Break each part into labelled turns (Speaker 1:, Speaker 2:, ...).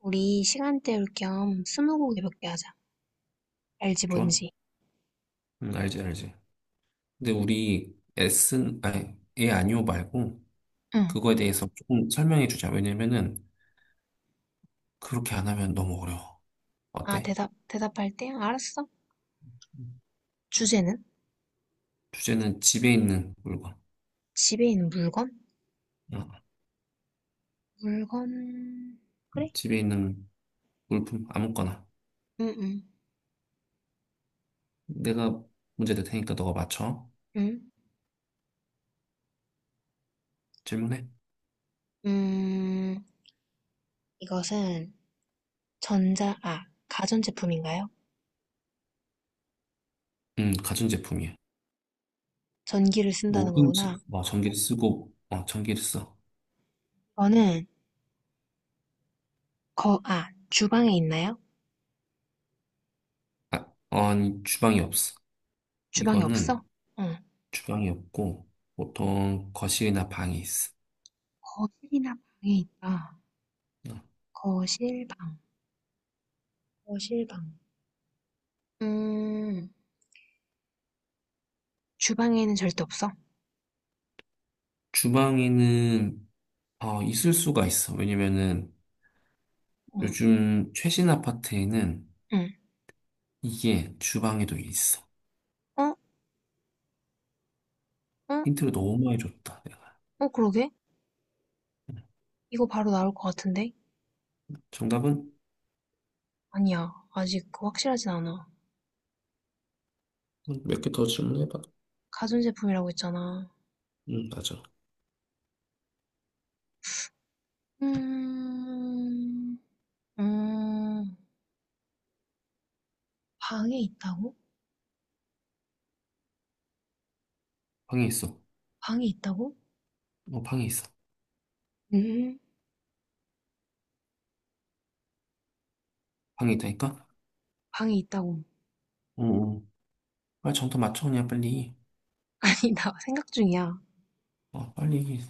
Speaker 1: 우리 시간 때울 겸 스무고개 몇 개 하자. 알지
Speaker 2: 좋아?
Speaker 1: 뭔지?
Speaker 2: 응, 알지, 알지. 근데 우리 S, 아니, 예, 아니오 말고
Speaker 1: 응.
Speaker 2: 그거에 대해서 조금 설명해 주자. 왜냐면은 그렇게 안 하면 너무 어려워.
Speaker 1: 아,
Speaker 2: 어때?
Speaker 1: 대답할 때? 알았어. 주제는?
Speaker 2: 주제는 집에 있는 물건.
Speaker 1: 집에 있는 물건?
Speaker 2: 어,
Speaker 1: 물건, 그래?
Speaker 2: 집에 있는 물품, 아무거나.
Speaker 1: 응, 응,
Speaker 2: 내가 문제 낼 테니까 너가 맞춰.
Speaker 1: 응.
Speaker 2: 질문해.
Speaker 1: 음, 이것은 전자, 아, 가전제품인가요?
Speaker 2: 가전제품이야.
Speaker 1: 전기를 쓴다는
Speaker 2: 뭐든지,
Speaker 1: 거구나.
Speaker 2: 뭐, 전기를 쓰고, 전기를 써.
Speaker 1: 저는 주방에 있나요?
Speaker 2: 아, 아니, 주방이 없어.
Speaker 1: 주방에
Speaker 2: 이거는
Speaker 1: 없어? 응.
Speaker 2: 주방이 없고, 보통 거실이나 방에 있어.
Speaker 1: 거실이나 방에 있다.
Speaker 2: 어.
Speaker 1: 거실, 방. 거실, 방. 음, 주방에는 절대 없어.
Speaker 2: 주방에는 있을 수가 있어. 왜냐면은
Speaker 1: 어.
Speaker 2: 요즘 최신 아파트에는
Speaker 1: 응.
Speaker 2: 이게 주방에도 있어.
Speaker 1: 어? 어?
Speaker 2: 힌트를 너무 많이 줬다, 내가.
Speaker 1: 어, 그러게? 이거 바로 나올 것 같은데?
Speaker 2: 정답은
Speaker 1: 아니야. 아직 그 확실하진 않아.
Speaker 2: 몇 개 더 질문해봐.
Speaker 1: 가전제품이라고 했잖아.
Speaker 2: 응, 맞아.
Speaker 1: 음, 음, 방에 있다고?
Speaker 2: 방에 있어.
Speaker 1: 방에 있다고?
Speaker 2: 방에 있어.
Speaker 1: 음,
Speaker 2: 방에 있다니까?
Speaker 1: 방에 있다고.
Speaker 2: 응, 응. 빨리 정답 맞춰, 그냥 빨리.
Speaker 1: 아니, 나 생각 중이야.
Speaker 2: 빨리.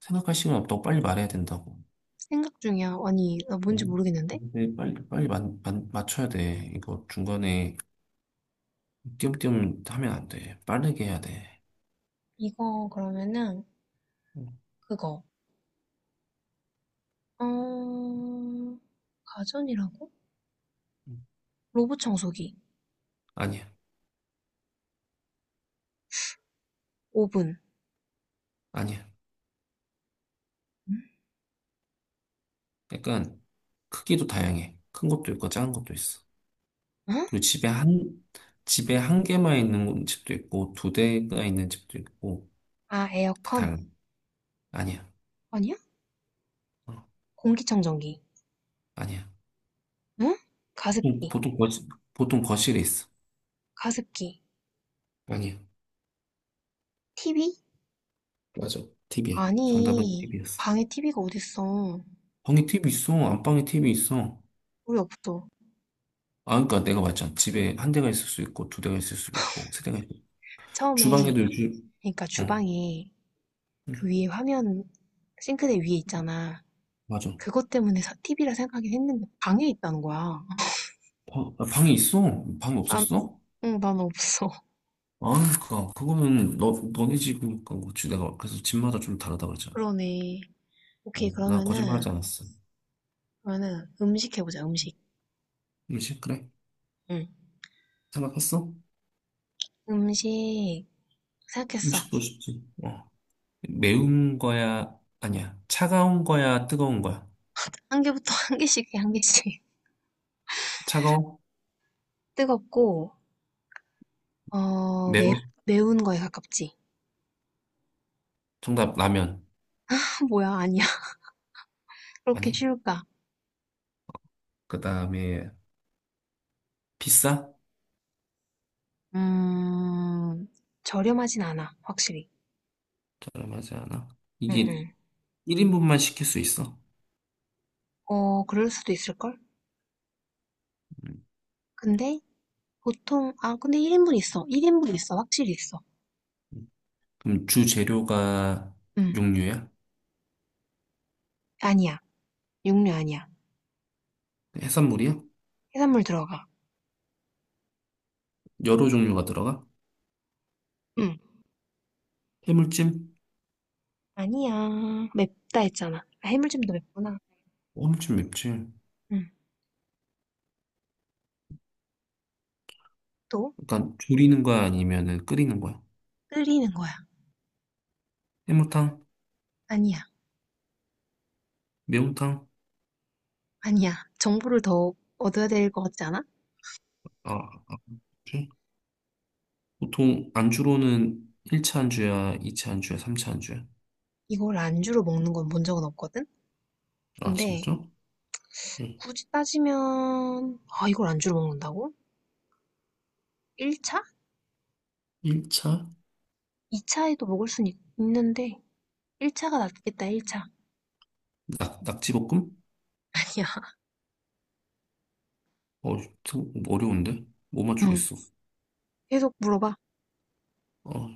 Speaker 2: 생각할 시간 없다고 빨리 말해야 된다고.
Speaker 1: 생각 중이야. 아니, 나 뭔지
Speaker 2: 응?
Speaker 1: 모르겠는데?
Speaker 2: 근데 빨리, 빨리 맞춰야 돼. 이거 중간에 띄엄띄엄 하면 안 돼. 빠르게 해야 돼.
Speaker 1: 이거 그러면은,
Speaker 2: 응,
Speaker 1: 그거. 어, 가전이라고?
Speaker 2: 응.
Speaker 1: 로봇 청소기.
Speaker 2: 아니야.
Speaker 1: 오븐.
Speaker 2: 아니야. 약간 크기도 다양해. 큰 것도 있고 작은 것도 있어.
Speaker 1: 응?
Speaker 2: 그리고 집에 한 개만 있는 집도 있고 두 대가 있는 집도 있고
Speaker 1: 아,
Speaker 2: 다
Speaker 1: 에어컨?
Speaker 2: 달라. 아니야.
Speaker 1: 아니야?
Speaker 2: 어,
Speaker 1: 공기청정기.
Speaker 2: 아니야.
Speaker 1: 응?
Speaker 2: 보통,
Speaker 1: 가습기,
Speaker 2: 보통 거실, 보통 거실에 있어.
Speaker 1: 가습기.
Speaker 2: 아니야.
Speaker 1: TV?
Speaker 2: 맞아. t v 정답은
Speaker 1: 아니,
Speaker 2: TV였어.
Speaker 1: 방에 TV가 어딨어.
Speaker 2: 방에 TV 있어. 안방에 TV 있어.
Speaker 1: 우리 없어.
Speaker 2: 아, 그러니까 내가 맞잖아. 집에 한 대가 있을 수 있고 두 대가 있을 수 있고 세 대가 있을 수 있고
Speaker 1: 처음에,
Speaker 2: 주방에도 요즘
Speaker 1: 그러니까
Speaker 2: 어,
Speaker 1: 주방에 그
Speaker 2: 응,
Speaker 1: 위에 화면, 싱크대 위에 있잖아.
Speaker 2: 맞아.
Speaker 1: 그것 때문에 TV라 생각하긴 했는데 방에 있다는 거야.
Speaker 2: 방에 있어. 방에
Speaker 1: 난,
Speaker 2: 없었어?
Speaker 1: 응, 난 없어.
Speaker 2: 아니, 그니까, 그거는, 너네 집, 그니까, 그지 내가, 그래서 집마다 좀 다르다고 그랬잖아.
Speaker 1: 그러네. 오케이,
Speaker 2: 어, 나 거짓말하지
Speaker 1: 그러면은,
Speaker 2: 않았어.
Speaker 1: 그러면은 음식 해보자, 음식.
Speaker 2: 그식 그래?
Speaker 1: 응.
Speaker 2: 생각했어?
Speaker 1: 음식, 생각했어.
Speaker 2: 음식도 쉽지. 어. 매운 거야? 아니야. 차가운 거야? 뜨거운 거야?
Speaker 1: 한 개부터 한 개씩 해, 한 개씩.
Speaker 2: 차가워?
Speaker 1: 뜨겁고, 어, 매,
Speaker 2: 매워?
Speaker 1: 매운 거에 가깝지.
Speaker 2: 정답, 라면.
Speaker 1: 어, 뭐야, 아니야. 그렇게
Speaker 2: 아니.
Speaker 1: 쉬울까?
Speaker 2: 그 다음에, 비싸?
Speaker 1: 음, 저렴하진 않아, 확실히.
Speaker 2: 저렴하지 않아?
Speaker 1: 응,
Speaker 2: 이게
Speaker 1: 응.
Speaker 2: 1인분만 시킬 수 있어.
Speaker 1: 어, 그럴 수도 있을걸?
Speaker 2: 음.
Speaker 1: 근데, 근데 1인분 있어. 1인분 있어, 확실히 있어.
Speaker 2: 그럼 주 재료가
Speaker 1: 응.
Speaker 2: 육류야?
Speaker 1: 아니야. 육류 아니야.
Speaker 2: 해산물이야?
Speaker 1: 해산물 들어가.
Speaker 2: 여러 종류가 들어가?
Speaker 1: 응.
Speaker 2: 해물찜?
Speaker 1: 아니야. 맵다 했잖아. 아, 해물찜도 맵구나.
Speaker 2: 엄청 맵지.
Speaker 1: 응. 또,
Speaker 2: 그러니까 조리는 거야 아니면은 끓이는 거야?
Speaker 1: 끓이는 거야.
Speaker 2: 해물탕?
Speaker 1: 아니야.
Speaker 2: 매운탕?
Speaker 1: 아니야. 정보를 더 얻어야 될 것 같지 않아?
Speaker 2: 아, 아, 그치? 보통 안주로는 1차 안주야, 2차 안주야, 3차 안주야.
Speaker 1: 이걸 안주로 먹는 건 본 적은 없거든?
Speaker 2: 아,
Speaker 1: 근데,
Speaker 2: 진짜? 응.
Speaker 1: 굳이 따지면, 아, 이걸 안주로 먹는다고? 1차?
Speaker 2: 1차?
Speaker 1: 2차에도 먹을 순 있, 는데 1차가 낫겠다, 1차. 아
Speaker 2: 낙지볶음?
Speaker 1: 니 야,
Speaker 2: 어, 어려운데? 뭐
Speaker 1: 응.
Speaker 2: 맞추겠어.
Speaker 1: 계속 물어봐.
Speaker 2: 어,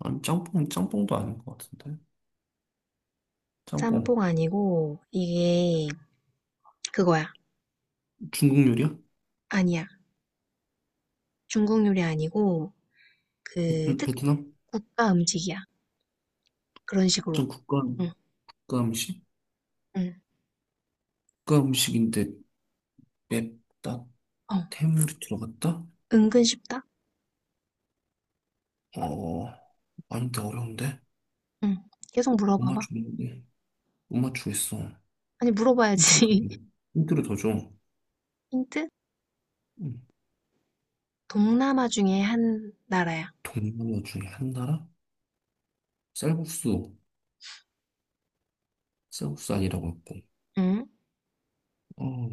Speaker 2: 아니, 짬뽕도 아닌 것 같은데? 짬뽕.
Speaker 1: 짬뽕 아니고, 이게, 그거야.
Speaker 2: 중국 요리야?
Speaker 1: 아니야. 중국 요리 아니고, 그, 특,
Speaker 2: 베트남?
Speaker 1: 국가 음식이야. 그런
Speaker 2: 좀
Speaker 1: 식으로.
Speaker 2: 국가,
Speaker 1: 응,
Speaker 2: 국가 음식?
Speaker 1: 응.
Speaker 2: 국가 음식인데 맵다?
Speaker 1: 어,
Speaker 2: 해물이 들어갔다?
Speaker 1: 은근 쉽다?
Speaker 2: 어, 아닌데, 어려운데?
Speaker 1: 응. 계속
Speaker 2: 못
Speaker 1: 물어봐봐.
Speaker 2: 맞추겠는데? 못 맞추겠어.
Speaker 1: 아니,
Speaker 2: 힌트를 더
Speaker 1: 물어봐야지.
Speaker 2: 줘. 힌트를 더 줘.
Speaker 1: 힌트?
Speaker 2: 음,
Speaker 1: 동남아 중에 한 나라야.
Speaker 2: 동남아 중에 한 나라? 쌀국수. 쌀국수 아니라고 했고.
Speaker 1: 응?
Speaker 2: 어,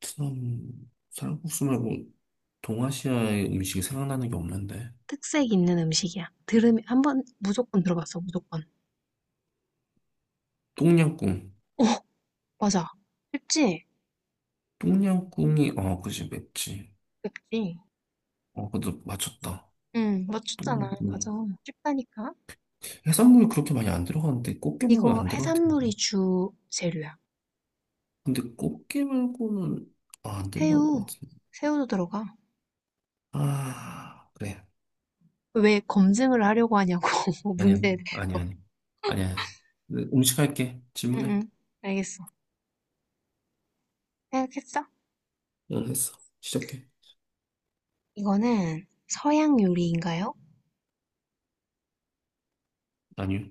Speaker 2: 베트남, 쌀국수 말고 동아시아의 음식이 생각나는 게 없는데.
Speaker 1: 특색 있는 음식이야. 들으면 한번 무조건 들어봤어, 무조건.
Speaker 2: 똠양꿍.
Speaker 1: 어, 맞아. 쉽지?
Speaker 2: 똠양꿍이, 그지, 맵지.
Speaker 1: 쉽지.
Speaker 2: 어, 그래도 맞췄다.
Speaker 1: 응, 맞췄잖아. 맞아.
Speaker 2: 똠양꿍.
Speaker 1: 쉽다니까.
Speaker 2: 해산물이 그렇게 많이 안 들어가는데, 꽃게 말고는
Speaker 1: 이거
Speaker 2: 안 들어갈
Speaker 1: 해산물이
Speaker 2: 텐데.
Speaker 1: 주 재료야.
Speaker 2: 근데 꽃게 말고는, 아, 안 들어갈 것
Speaker 1: 새우,
Speaker 2: 같은데.
Speaker 1: 새우도 들어가.
Speaker 2: 아, 그래.
Speaker 1: 왜 검증을 하려고 하냐고,
Speaker 2: 아니야,
Speaker 1: 문제에
Speaker 2: 아니야,
Speaker 1: 대해서.
Speaker 2: 아니야. 아니야. 음식 할게.
Speaker 1: 응,
Speaker 2: 질문해.
Speaker 1: 응, 알겠어. 생각했어?
Speaker 2: 응, 했어. 시작해.
Speaker 1: 이거는 서양 요리인가요?
Speaker 2: 아니요.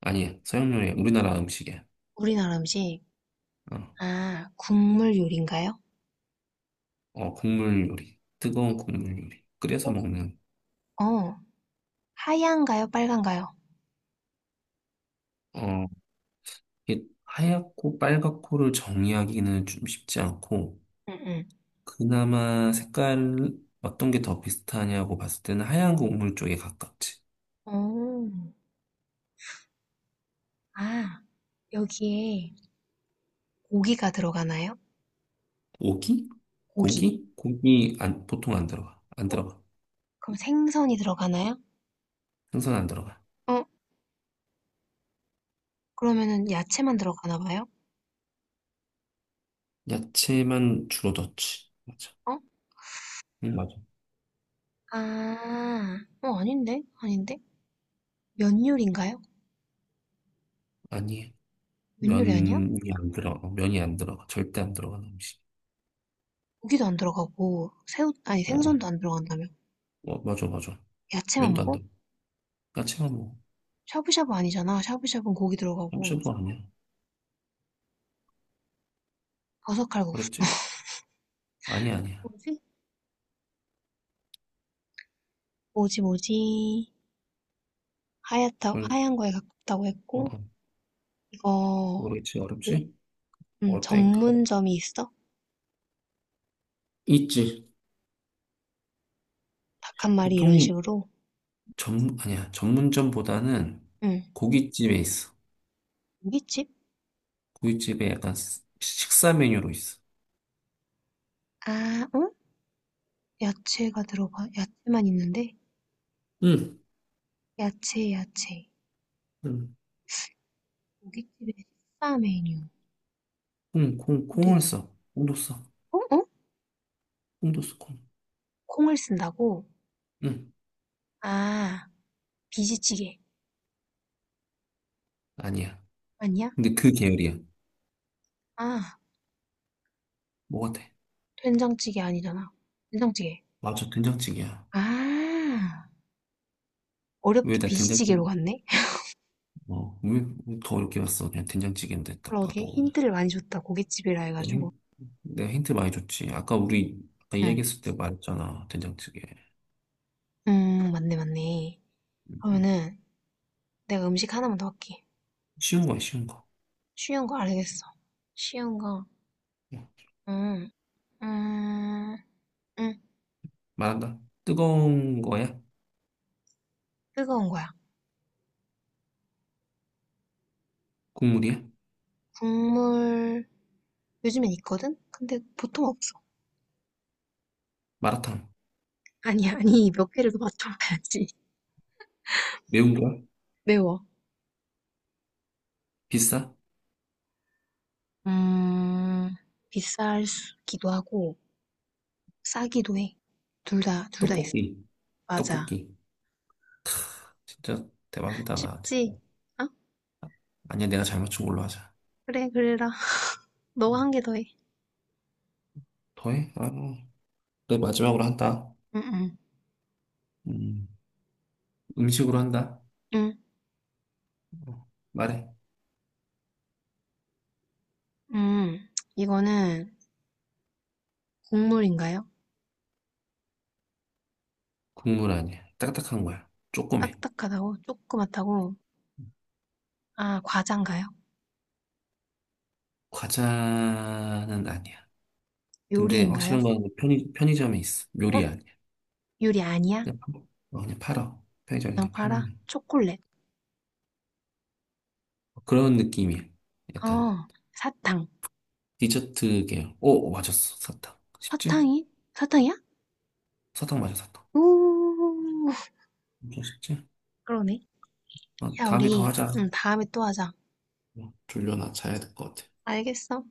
Speaker 2: 아니야. 서양 요리, 우리나라 음식이야.
Speaker 1: 우리나라 음식.
Speaker 2: 어,
Speaker 1: 아, 국물 요리인가요?
Speaker 2: 국물 요리. 뜨거운 국물 요리. 끓여서 먹는.
Speaker 1: 어, 하얀가요? 빨간가요?
Speaker 2: 어, 이게 하얗고 빨갛고를 정의하기는 좀 쉽지 않고,
Speaker 1: 응, 응.
Speaker 2: 그나마 색깔, 어떤 게 더 비슷하냐고 봤을 때는 하얀 국물 쪽에 가깝지.
Speaker 1: 오. 아, 여기에 고기가 들어가나요?
Speaker 2: 고기?
Speaker 1: 고기.
Speaker 2: 고기? 고기 안, 보통 안 들어가. 안
Speaker 1: 어?
Speaker 2: 들어가.
Speaker 1: 그럼 생선이 들어가나요?
Speaker 2: 생선 안 들어가.
Speaker 1: 어? 그러면은 야채만 들어가나 봐요?
Speaker 2: 야채만 주로 넣지. 맞아.
Speaker 1: 어?
Speaker 2: 응, 맞아.
Speaker 1: 아, 어, 아닌데? 아닌데? 면 요리인가요?
Speaker 2: 아니,
Speaker 1: 면 요리 아니야?
Speaker 2: 면이 안 들어가. 면이 안 들어가. 절대 안 들어가는 음식.
Speaker 1: 고기도 안 들어가고, 새우, 아니,
Speaker 2: 어, 어,
Speaker 1: 생선도 안 들어간다며.
Speaker 2: 어, 맞아, 맞아.
Speaker 1: 야채만
Speaker 2: 면도 안
Speaker 1: 먹어?
Speaker 2: 들어. 야채만 뭐,
Speaker 1: 샤브샤브 아니잖아. 샤브샤브는 고기 들어가고,
Speaker 2: 엄청도 아니야.
Speaker 1: 버섯칼국수.
Speaker 2: 어렵지? 아니야, 아니야.
Speaker 1: 뭐지? 뭐지, 뭐지? 하얗다,
Speaker 2: 뭘,
Speaker 1: 하얀 거에 가깝다고 했고,
Speaker 2: 어,
Speaker 1: 이거,
Speaker 2: 모르겠지.
Speaker 1: 그,
Speaker 2: 어렵지? 어렵다니까.
Speaker 1: 전문점이 있어?
Speaker 2: 있지.
Speaker 1: 닭 한 마리 이런
Speaker 2: 보통은
Speaker 1: 식으로?
Speaker 2: 아니야. 전문점보다는
Speaker 1: 응.
Speaker 2: 고깃집에 있어.
Speaker 1: 고깃집?
Speaker 2: 고깃집에 약간 식사 메뉴로 있어.
Speaker 1: 아 어? 야채가 들어가 야채만 있는데?
Speaker 2: 응,
Speaker 1: 야채 야채.
Speaker 2: 응,
Speaker 1: 고깃집의 식사 메뉴.
Speaker 2: 콩, 콩,
Speaker 1: 근데
Speaker 2: 콩을 써. 콩도 써.
Speaker 1: 어? 어?
Speaker 2: 콩도 써, 콩.
Speaker 1: 콩을 쓴다고?
Speaker 2: 응.
Speaker 1: 아 비지찌개
Speaker 2: 아니야.
Speaker 1: 아니야?
Speaker 2: 근데 그 계열이야.
Speaker 1: 아
Speaker 2: 뭐가 돼?
Speaker 1: 된장찌개 아니잖아. 된장찌개.
Speaker 2: 맞아, 된장찌개야.
Speaker 1: 아
Speaker 2: 왜
Speaker 1: 어렵게
Speaker 2: 나 된장찌개,
Speaker 1: 비지찌개로 갔네?
Speaker 2: 왜더 어렵게 봤어? 그냥 된장찌개인데 딱
Speaker 1: 그러게
Speaker 2: 봐도.
Speaker 1: 힌트를 많이 줬다 고깃집이라
Speaker 2: 내가
Speaker 1: 해가지고.
Speaker 2: 힌- 내가 힌트 많이 줬지. 아까
Speaker 1: 응.
Speaker 2: 이야기했을 때 말했잖아. 된장찌개.
Speaker 1: 맞네 맞네.
Speaker 2: 응.
Speaker 1: 그러면은 내가 음식 하나만 더 할게.
Speaker 2: 쉬운 거야, 쉬운 거.
Speaker 1: 쉬운 거 알겠어. 쉬운 거.
Speaker 2: 응.
Speaker 1: 음. 음. 응,
Speaker 2: 말한다. 뜨거운 거야?
Speaker 1: 뜨거운 거야.
Speaker 2: 국물이야?
Speaker 1: 국물, 요즘엔 있거든? 근데 보통 없어.
Speaker 2: 마라탕.
Speaker 1: 아니, 아니, 몇 개를 더 맞춰봐야지.
Speaker 2: 매운 거야?
Speaker 1: 매워.
Speaker 2: 비싸?
Speaker 1: 음, 비싸기도 하고, 싸기도 해. 둘 다, 둘 다 있어.
Speaker 2: 떡볶이.
Speaker 1: 맞아.
Speaker 2: 떡볶이. 진짜 대박이다, 나 진짜.
Speaker 1: 쉽지? 어?
Speaker 2: 아니야, 내가 잘 맞춘 걸로 하자.
Speaker 1: 그래, 그래라. 너가
Speaker 2: 응.
Speaker 1: 한 개 더 해.
Speaker 2: 더해? 아, 내 마지막으로 한다.
Speaker 1: 응, 응,
Speaker 2: 음. 음식으로 한다.
Speaker 1: 응,
Speaker 2: 어, 말해.
Speaker 1: 응 이거는 국물인가요?
Speaker 2: 국물 아니야. 딱딱한 거야. 조그매.
Speaker 1: 딱딱하다고? 조그맣다고? 아, 과자인가요?
Speaker 2: 과자는 아니야. 근데
Speaker 1: 요리인가요?
Speaker 2: 확실한 건 편의점에 있어.
Speaker 1: 어?
Speaker 2: 요리 아니야.
Speaker 1: 요리 아니야?
Speaker 2: 그냥, 그냥 팔아. 편의점에
Speaker 1: 그냥
Speaker 2: 그냥 파는
Speaker 1: 봐라.
Speaker 2: 거야.
Speaker 1: 초콜릿.
Speaker 2: 그런 느낌이야. 약간
Speaker 1: 어 사탕.
Speaker 2: 디저트 계열. 오, 오, 맞았어. 사탕. 쉽지?
Speaker 1: 사탕이? 사탕이야?
Speaker 2: 사탕 맞아, 사탕.
Speaker 1: 오,
Speaker 2: 엄청 쉽지?
Speaker 1: 그러네.
Speaker 2: 어,
Speaker 1: 야,
Speaker 2: 다음에 더
Speaker 1: 우리
Speaker 2: 하자.
Speaker 1: 응, 다음에 또 하자.
Speaker 2: 어, 졸려, 나 자야 될 것 같아.
Speaker 1: 알겠어.